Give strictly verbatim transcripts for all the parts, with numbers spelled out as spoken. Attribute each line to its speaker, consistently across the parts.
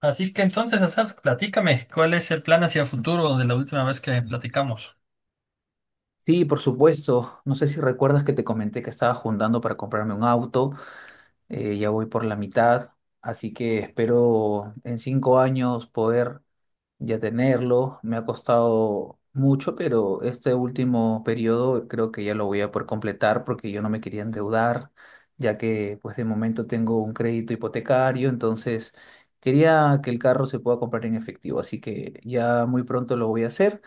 Speaker 1: Así que entonces, Asaf, platícame, ¿cuál es el plan hacia futuro de la última vez que platicamos?
Speaker 2: Sí, por supuesto. No sé si recuerdas que te comenté que estaba juntando para comprarme un auto. Eh, ya voy por la mitad, así que espero en cinco años poder ya tenerlo. Me ha costado mucho, pero este último periodo creo que ya lo voy a poder completar porque yo no me quería endeudar, ya que pues de momento tengo un crédito hipotecario, entonces quería que el carro se pueda comprar en efectivo, así que ya muy pronto lo voy a hacer.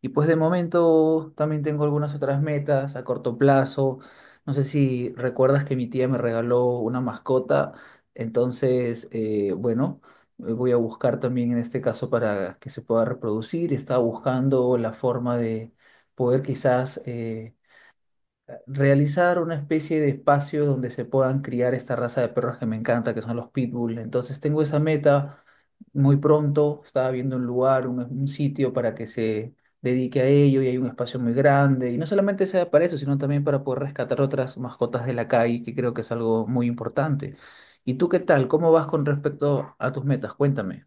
Speaker 2: Y pues de momento también tengo algunas otras metas a corto plazo. No sé si recuerdas que mi tía me regaló una mascota, entonces, eh, bueno, eh, voy a buscar también en este caso para que se pueda reproducir. Estaba buscando la forma de poder quizás eh, realizar una especie de espacio donde se puedan criar esta raza de perros que me encanta, que son los pitbull. Entonces tengo esa meta muy pronto. Estaba viendo un lugar, un, un sitio para que se dedique a ello y hay un espacio muy grande. Y no solamente sea para eso, sino también para poder rescatar otras mascotas de la calle, que creo que es algo muy importante. ¿Y tú qué tal? ¿Cómo vas con respecto a tus metas? Cuéntame.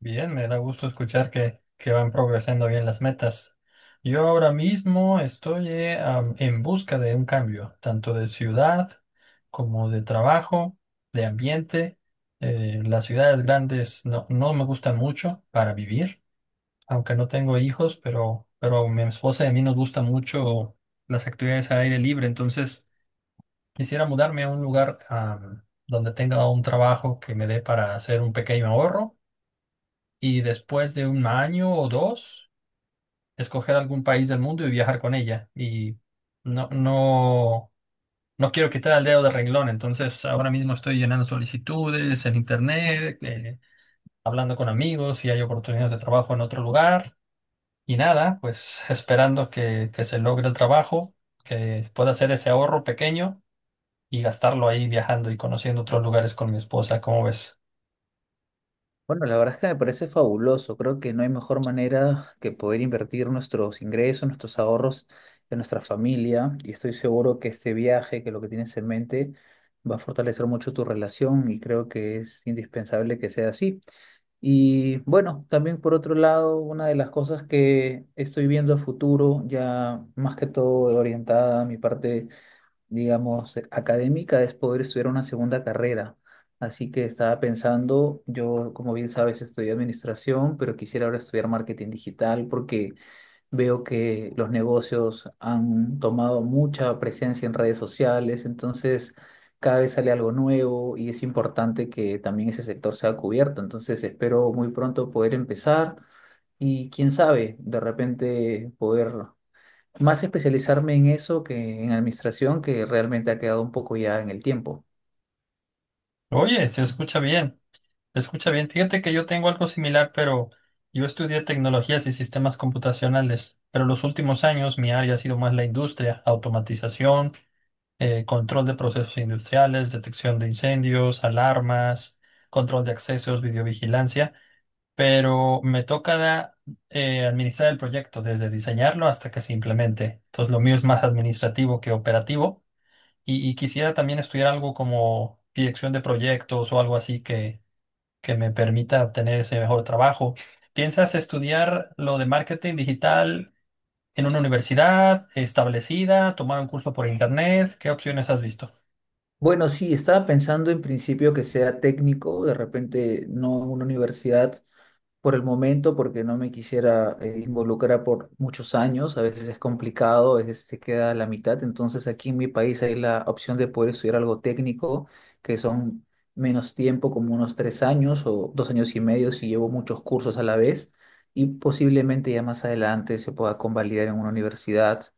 Speaker 1: Bien, me da gusto escuchar que, que van progresando bien las metas. Yo ahora mismo estoy eh, am, en busca de un cambio, tanto de ciudad como de trabajo, de ambiente. Eh, las ciudades grandes no, no me gustan mucho para vivir, aunque no tengo hijos, pero, pero a mi esposa y a mí nos gusta mucho las actividades al aire libre, entonces... Quisiera mudarme a un lugar am, donde tenga un trabajo que me dé para hacer un pequeño ahorro y después de un año o dos, escoger algún país del mundo y viajar con ella. Y no, no, no quiero quitar el dedo del renglón. Entonces ahora mismo estoy llenando solicitudes en internet, eh, hablando con amigos si hay oportunidades de trabajo en otro lugar y nada, pues esperando que, que se logre el trabajo, que pueda hacer ese ahorro pequeño y gastarlo ahí viajando y conociendo otros lugares con mi esposa. ¿Cómo ves?
Speaker 2: Bueno, la verdad es que me parece fabuloso. Creo que no hay mejor manera que poder invertir nuestros ingresos, nuestros ahorros en nuestra familia. Y estoy seguro que este viaje, que lo que tienes en mente, va a fortalecer mucho tu relación y creo que es indispensable que sea así. Y bueno, también por otro lado, una de las cosas que estoy viendo a futuro, ya más que todo orientada a mi parte, digamos, académica, es poder estudiar una segunda carrera. Así que estaba pensando, yo como bien sabes estudié administración, pero quisiera ahora estudiar marketing digital porque veo que los negocios han tomado mucha presencia en redes sociales, entonces cada vez sale algo nuevo y es importante que también ese sector sea cubierto. Entonces espero muy pronto poder empezar y quién sabe, de repente poder más especializarme en eso que en administración, que realmente ha quedado un poco ya en el tiempo.
Speaker 1: Oye, se escucha bien, se escucha bien. Fíjate que yo tengo algo similar, pero yo estudié tecnologías y sistemas computacionales, pero los últimos años mi área ha sido más la industria, automatización, eh, control de procesos industriales, detección de incendios, alarmas, control de accesos, videovigilancia, pero me toca da- eh, administrar el proyecto desde diseñarlo hasta que se implemente. Entonces lo mío es más administrativo que operativo. Y, y quisiera también estudiar algo como dirección de proyectos o algo así que, que me permita obtener ese mejor trabajo. ¿Piensas estudiar lo de marketing digital en una universidad establecida, tomar un curso por internet? ¿Qué opciones has visto?
Speaker 2: Bueno, sí, estaba pensando en principio que sea técnico, de repente no en una universidad, por el momento porque no me quisiera eh, involucrar por muchos años, a veces es complicado, a veces se queda a la mitad, entonces aquí en mi país hay la opción de poder estudiar algo técnico, que son menos tiempo, como unos tres años o dos años y medio si llevo muchos cursos a la vez y posiblemente ya más adelante se pueda convalidar en una universidad.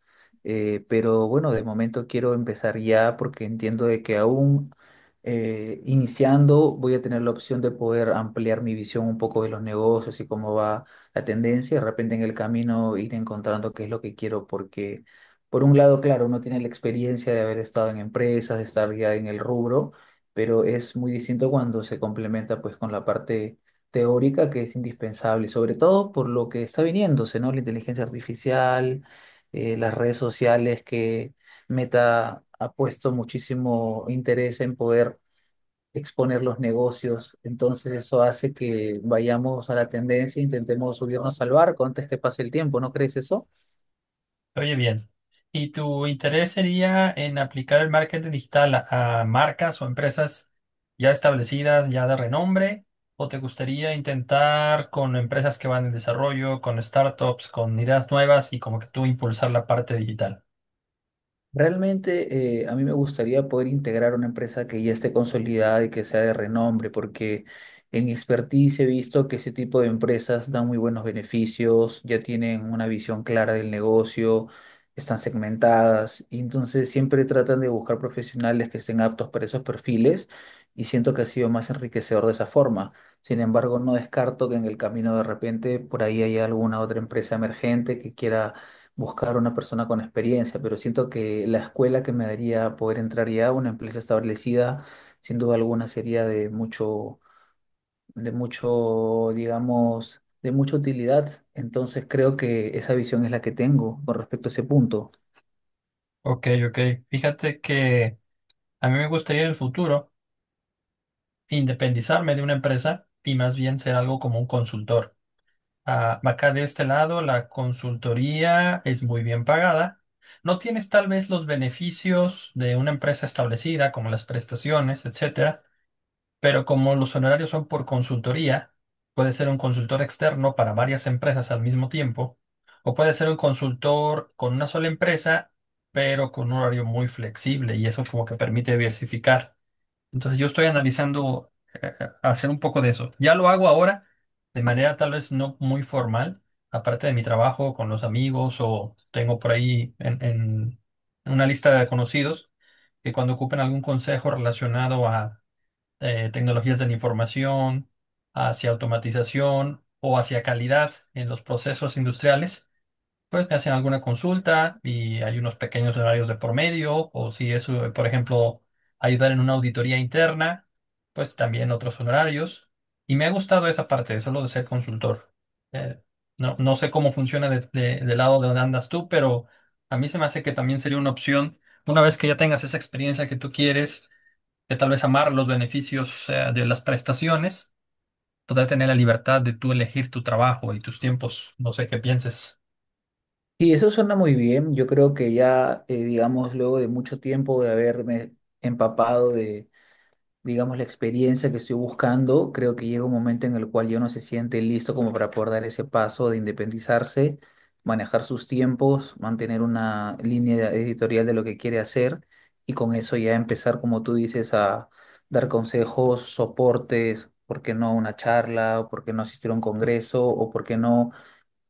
Speaker 2: eh, Pero bueno, de momento quiero empezar ya porque entiendo de que aún eh, iniciando, voy a tener la opción de poder ampliar mi visión un poco de los negocios y cómo va la tendencia. De repente en el camino ir encontrando qué es lo que quiero, porque por un lado, claro, uno tiene la experiencia de haber estado en empresas, de estar ya en el rubro, pero es muy distinto cuando se complementa pues con la parte teórica que es indispensable, sobre todo por lo que está viniéndose, ¿no? La inteligencia artificial, eh, las redes sociales, que Meta ha puesto muchísimo interés en poder exponer los negocios. Entonces eso hace que vayamos a la tendencia, intentemos subirnos al barco antes que pase el tiempo, ¿no crees eso?
Speaker 1: Oye, bien. ¿Y tu interés sería en aplicar el marketing digital a, a marcas o empresas ya establecidas, ya de renombre? ¿O te gustaría intentar con empresas que van en desarrollo, con startups, con ideas nuevas y como que tú impulsar la parte digital?
Speaker 2: Realmente, eh, a mí me gustaría poder integrar una empresa que ya esté consolidada y que sea de renombre, porque en mi expertise he visto que ese tipo de empresas dan muy buenos beneficios, ya tienen una visión clara del negocio, están segmentadas, y entonces siempre tratan de buscar profesionales que estén aptos para esos perfiles y siento que ha sido más enriquecedor de esa forma. Sin embargo, no descarto que en el camino de repente por ahí haya alguna otra empresa emergente que quiera buscar una persona con experiencia, pero siento que la escuela que me daría poder entrar ya a una empresa establecida, sin duda alguna, sería de mucho, de mucho, digamos, de mucha utilidad. Entonces creo que esa visión es la que tengo con respecto a ese punto.
Speaker 1: Ok, ok. Fíjate que a mí me gustaría en el futuro independizarme de una empresa y más bien ser algo como un consultor. Ah, acá de este lado, la consultoría es muy bien pagada. No tienes tal vez los beneficios de una empresa establecida, como las prestaciones, etcétera, pero como los honorarios son por consultoría, puede ser un consultor externo para varias empresas al mismo tiempo, o puede ser un consultor con una sola empresa, pero con un horario muy flexible, y eso como que permite diversificar. Entonces yo estoy analizando eh, eh, hacer un poco de eso. Ya lo hago ahora de manera tal vez no muy formal, aparte de mi trabajo con los amigos, o tengo por ahí en, en una lista de conocidos que cuando ocupen algún consejo relacionado a eh, tecnologías de la información, hacia automatización o hacia calidad en los procesos industriales, pues me hacen alguna consulta y hay unos pequeños horarios de por medio, o si es, eh, por ejemplo, ayudar en una auditoría interna, pues también otros honorarios. Y me ha gustado esa parte, solo de ser consultor. Eh, no, no sé cómo funciona de- de- del lado de donde andas tú, pero a mí se me hace que también sería una opción, una vez que ya tengas esa experiencia que tú quieres, de tal vez amar los beneficios, eh, de las prestaciones, poder tener la libertad de tú elegir tu trabajo y tus tiempos. No sé qué pienses.
Speaker 2: Y eso suena muy bien. Yo creo que ya, eh, digamos, luego de mucho tiempo de haberme empapado, digamos, la experiencia que estoy buscando, creo que llega un momento en el cual yo no se siente listo como para poder dar ese paso de independizarse, manejar sus tiempos, mantener una línea editorial de lo que quiere hacer y con eso ya empezar, como tú dices, a dar consejos, soportes, por qué no una charla, o por qué no asistir a un congreso, o por qué no,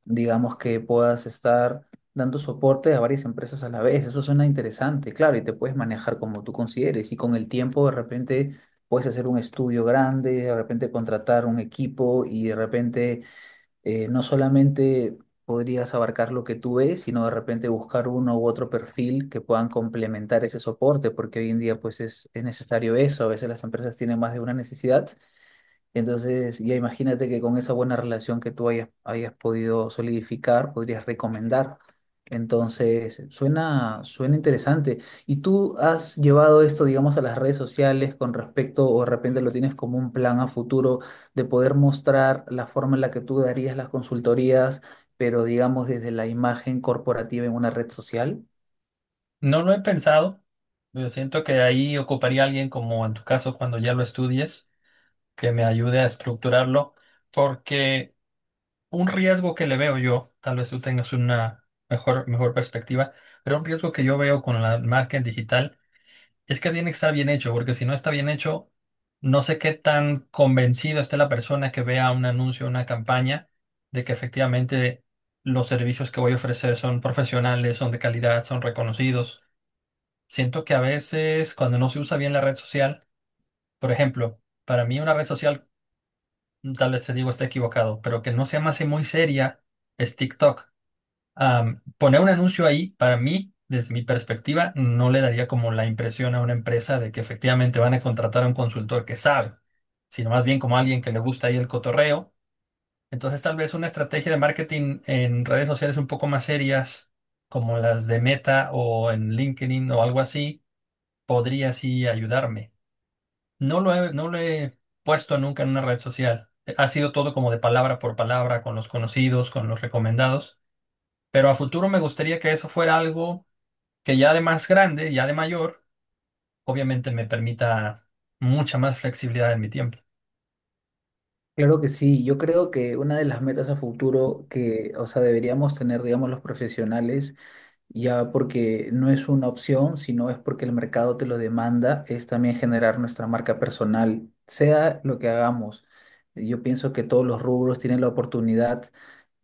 Speaker 2: digamos, que puedas estar dando soporte a varias empresas a la vez. Eso suena interesante, claro, y te puedes manejar como tú consideres. Y con el tiempo, de repente, puedes hacer un estudio grande, de repente contratar un equipo y de repente eh, no solamente podrías abarcar lo que tú ves, sino de repente buscar uno u otro perfil que puedan complementar ese soporte, porque hoy en día pues es, es necesario eso. A veces las empresas tienen más de una necesidad, entonces, ya imagínate que con esa buena relación que tú hayas, hayas podido solidificar, podrías recomendar. Entonces, suena, suena interesante. ¿Y tú has llevado esto, digamos, a las redes sociales con respecto, o de repente lo tienes como un plan a futuro de poder mostrar la forma en la que tú darías las consultorías, pero digamos desde la imagen corporativa en una red social?
Speaker 1: No lo he pensado, pero siento que ahí ocuparía a alguien como en tu caso cuando ya lo estudies, que me ayude a estructurarlo, porque un riesgo que le veo yo, tal vez tú tengas una mejor, mejor perspectiva, pero un riesgo que yo veo con la marca en digital es que tiene que estar bien hecho, porque si no está bien hecho, no sé qué tan convencido esté la persona que vea un anuncio, una campaña, de que efectivamente los servicios que voy a ofrecer son profesionales, son de calidad, son reconocidos. Siento que a veces cuando no se usa bien la red social, por ejemplo, para mí una red social, mm, tal vez te digo está equivocado, pero que no se me hace muy seria, es TikTok. Am, poner un anuncio ahí, para mí, desde mi perspectiva, no le daría como la impresión a una empresa de que efectivamente van a contratar a un consultor que sabe, sino más bien como alguien que le gusta ahí el cotorreo. Entonces, tal vez una estrategia de marketing en redes sociales un poco más serias, como las de Meta o en LinkedIn o algo así, podría sí ayudarme. No lo he, no lo he puesto nunca en una red social. Ha sido todo como de palabra por palabra, con los conocidos, con los recomendados. Pero a futuro me gustaría que eso fuera algo que ya de más grande, ya de mayor, obviamente me permita mucha más flexibilidad en mi tiempo.
Speaker 2: Claro que sí, yo creo que una de las metas a futuro que, o sea, deberíamos tener, digamos, los profesionales, ya porque no es una opción, sino es porque el mercado te lo demanda, es también generar nuestra marca personal, sea lo que hagamos. Yo pienso que todos los rubros tienen la oportunidad,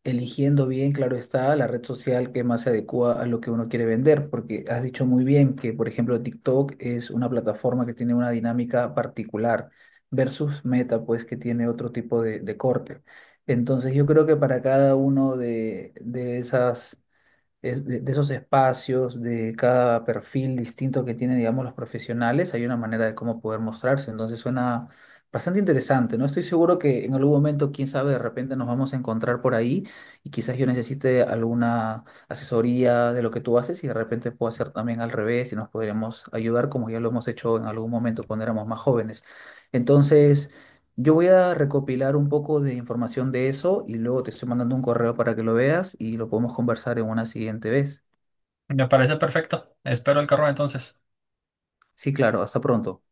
Speaker 2: eligiendo bien, claro está, la red social que más se adecua a lo que uno quiere vender, porque has dicho muy bien que, por ejemplo, TikTok es una plataforma que tiene una dinámica particular versus Meta, pues que tiene otro tipo de, de corte. Entonces yo creo que para cada uno de de esas es- de, de esos espacios, de cada perfil distinto que tienen, digamos, los profesionales, hay una manera de cómo poder mostrarse. Entonces suena bastante interesante, ¿no? Estoy seguro que en algún momento, quién sabe, de repente nos vamos a encontrar por ahí y quizás yo necesite alguna asesoría de lo que tú haces y de repente puedo hacer también al revés y nos podríamos ayudar como ya lo hemos hecho en algún momento cuando éramos más jóvenes. Entonces... Yo voy a recopilar un poco de información de eso y luego te estoy mandando un correo para que lo veas y lo podemos conversar en una siguiente vez.
Speaker 1: Me parece perfecto. Espero el carro entonces.
Speaker 2: Sí, claro, hasta pronto.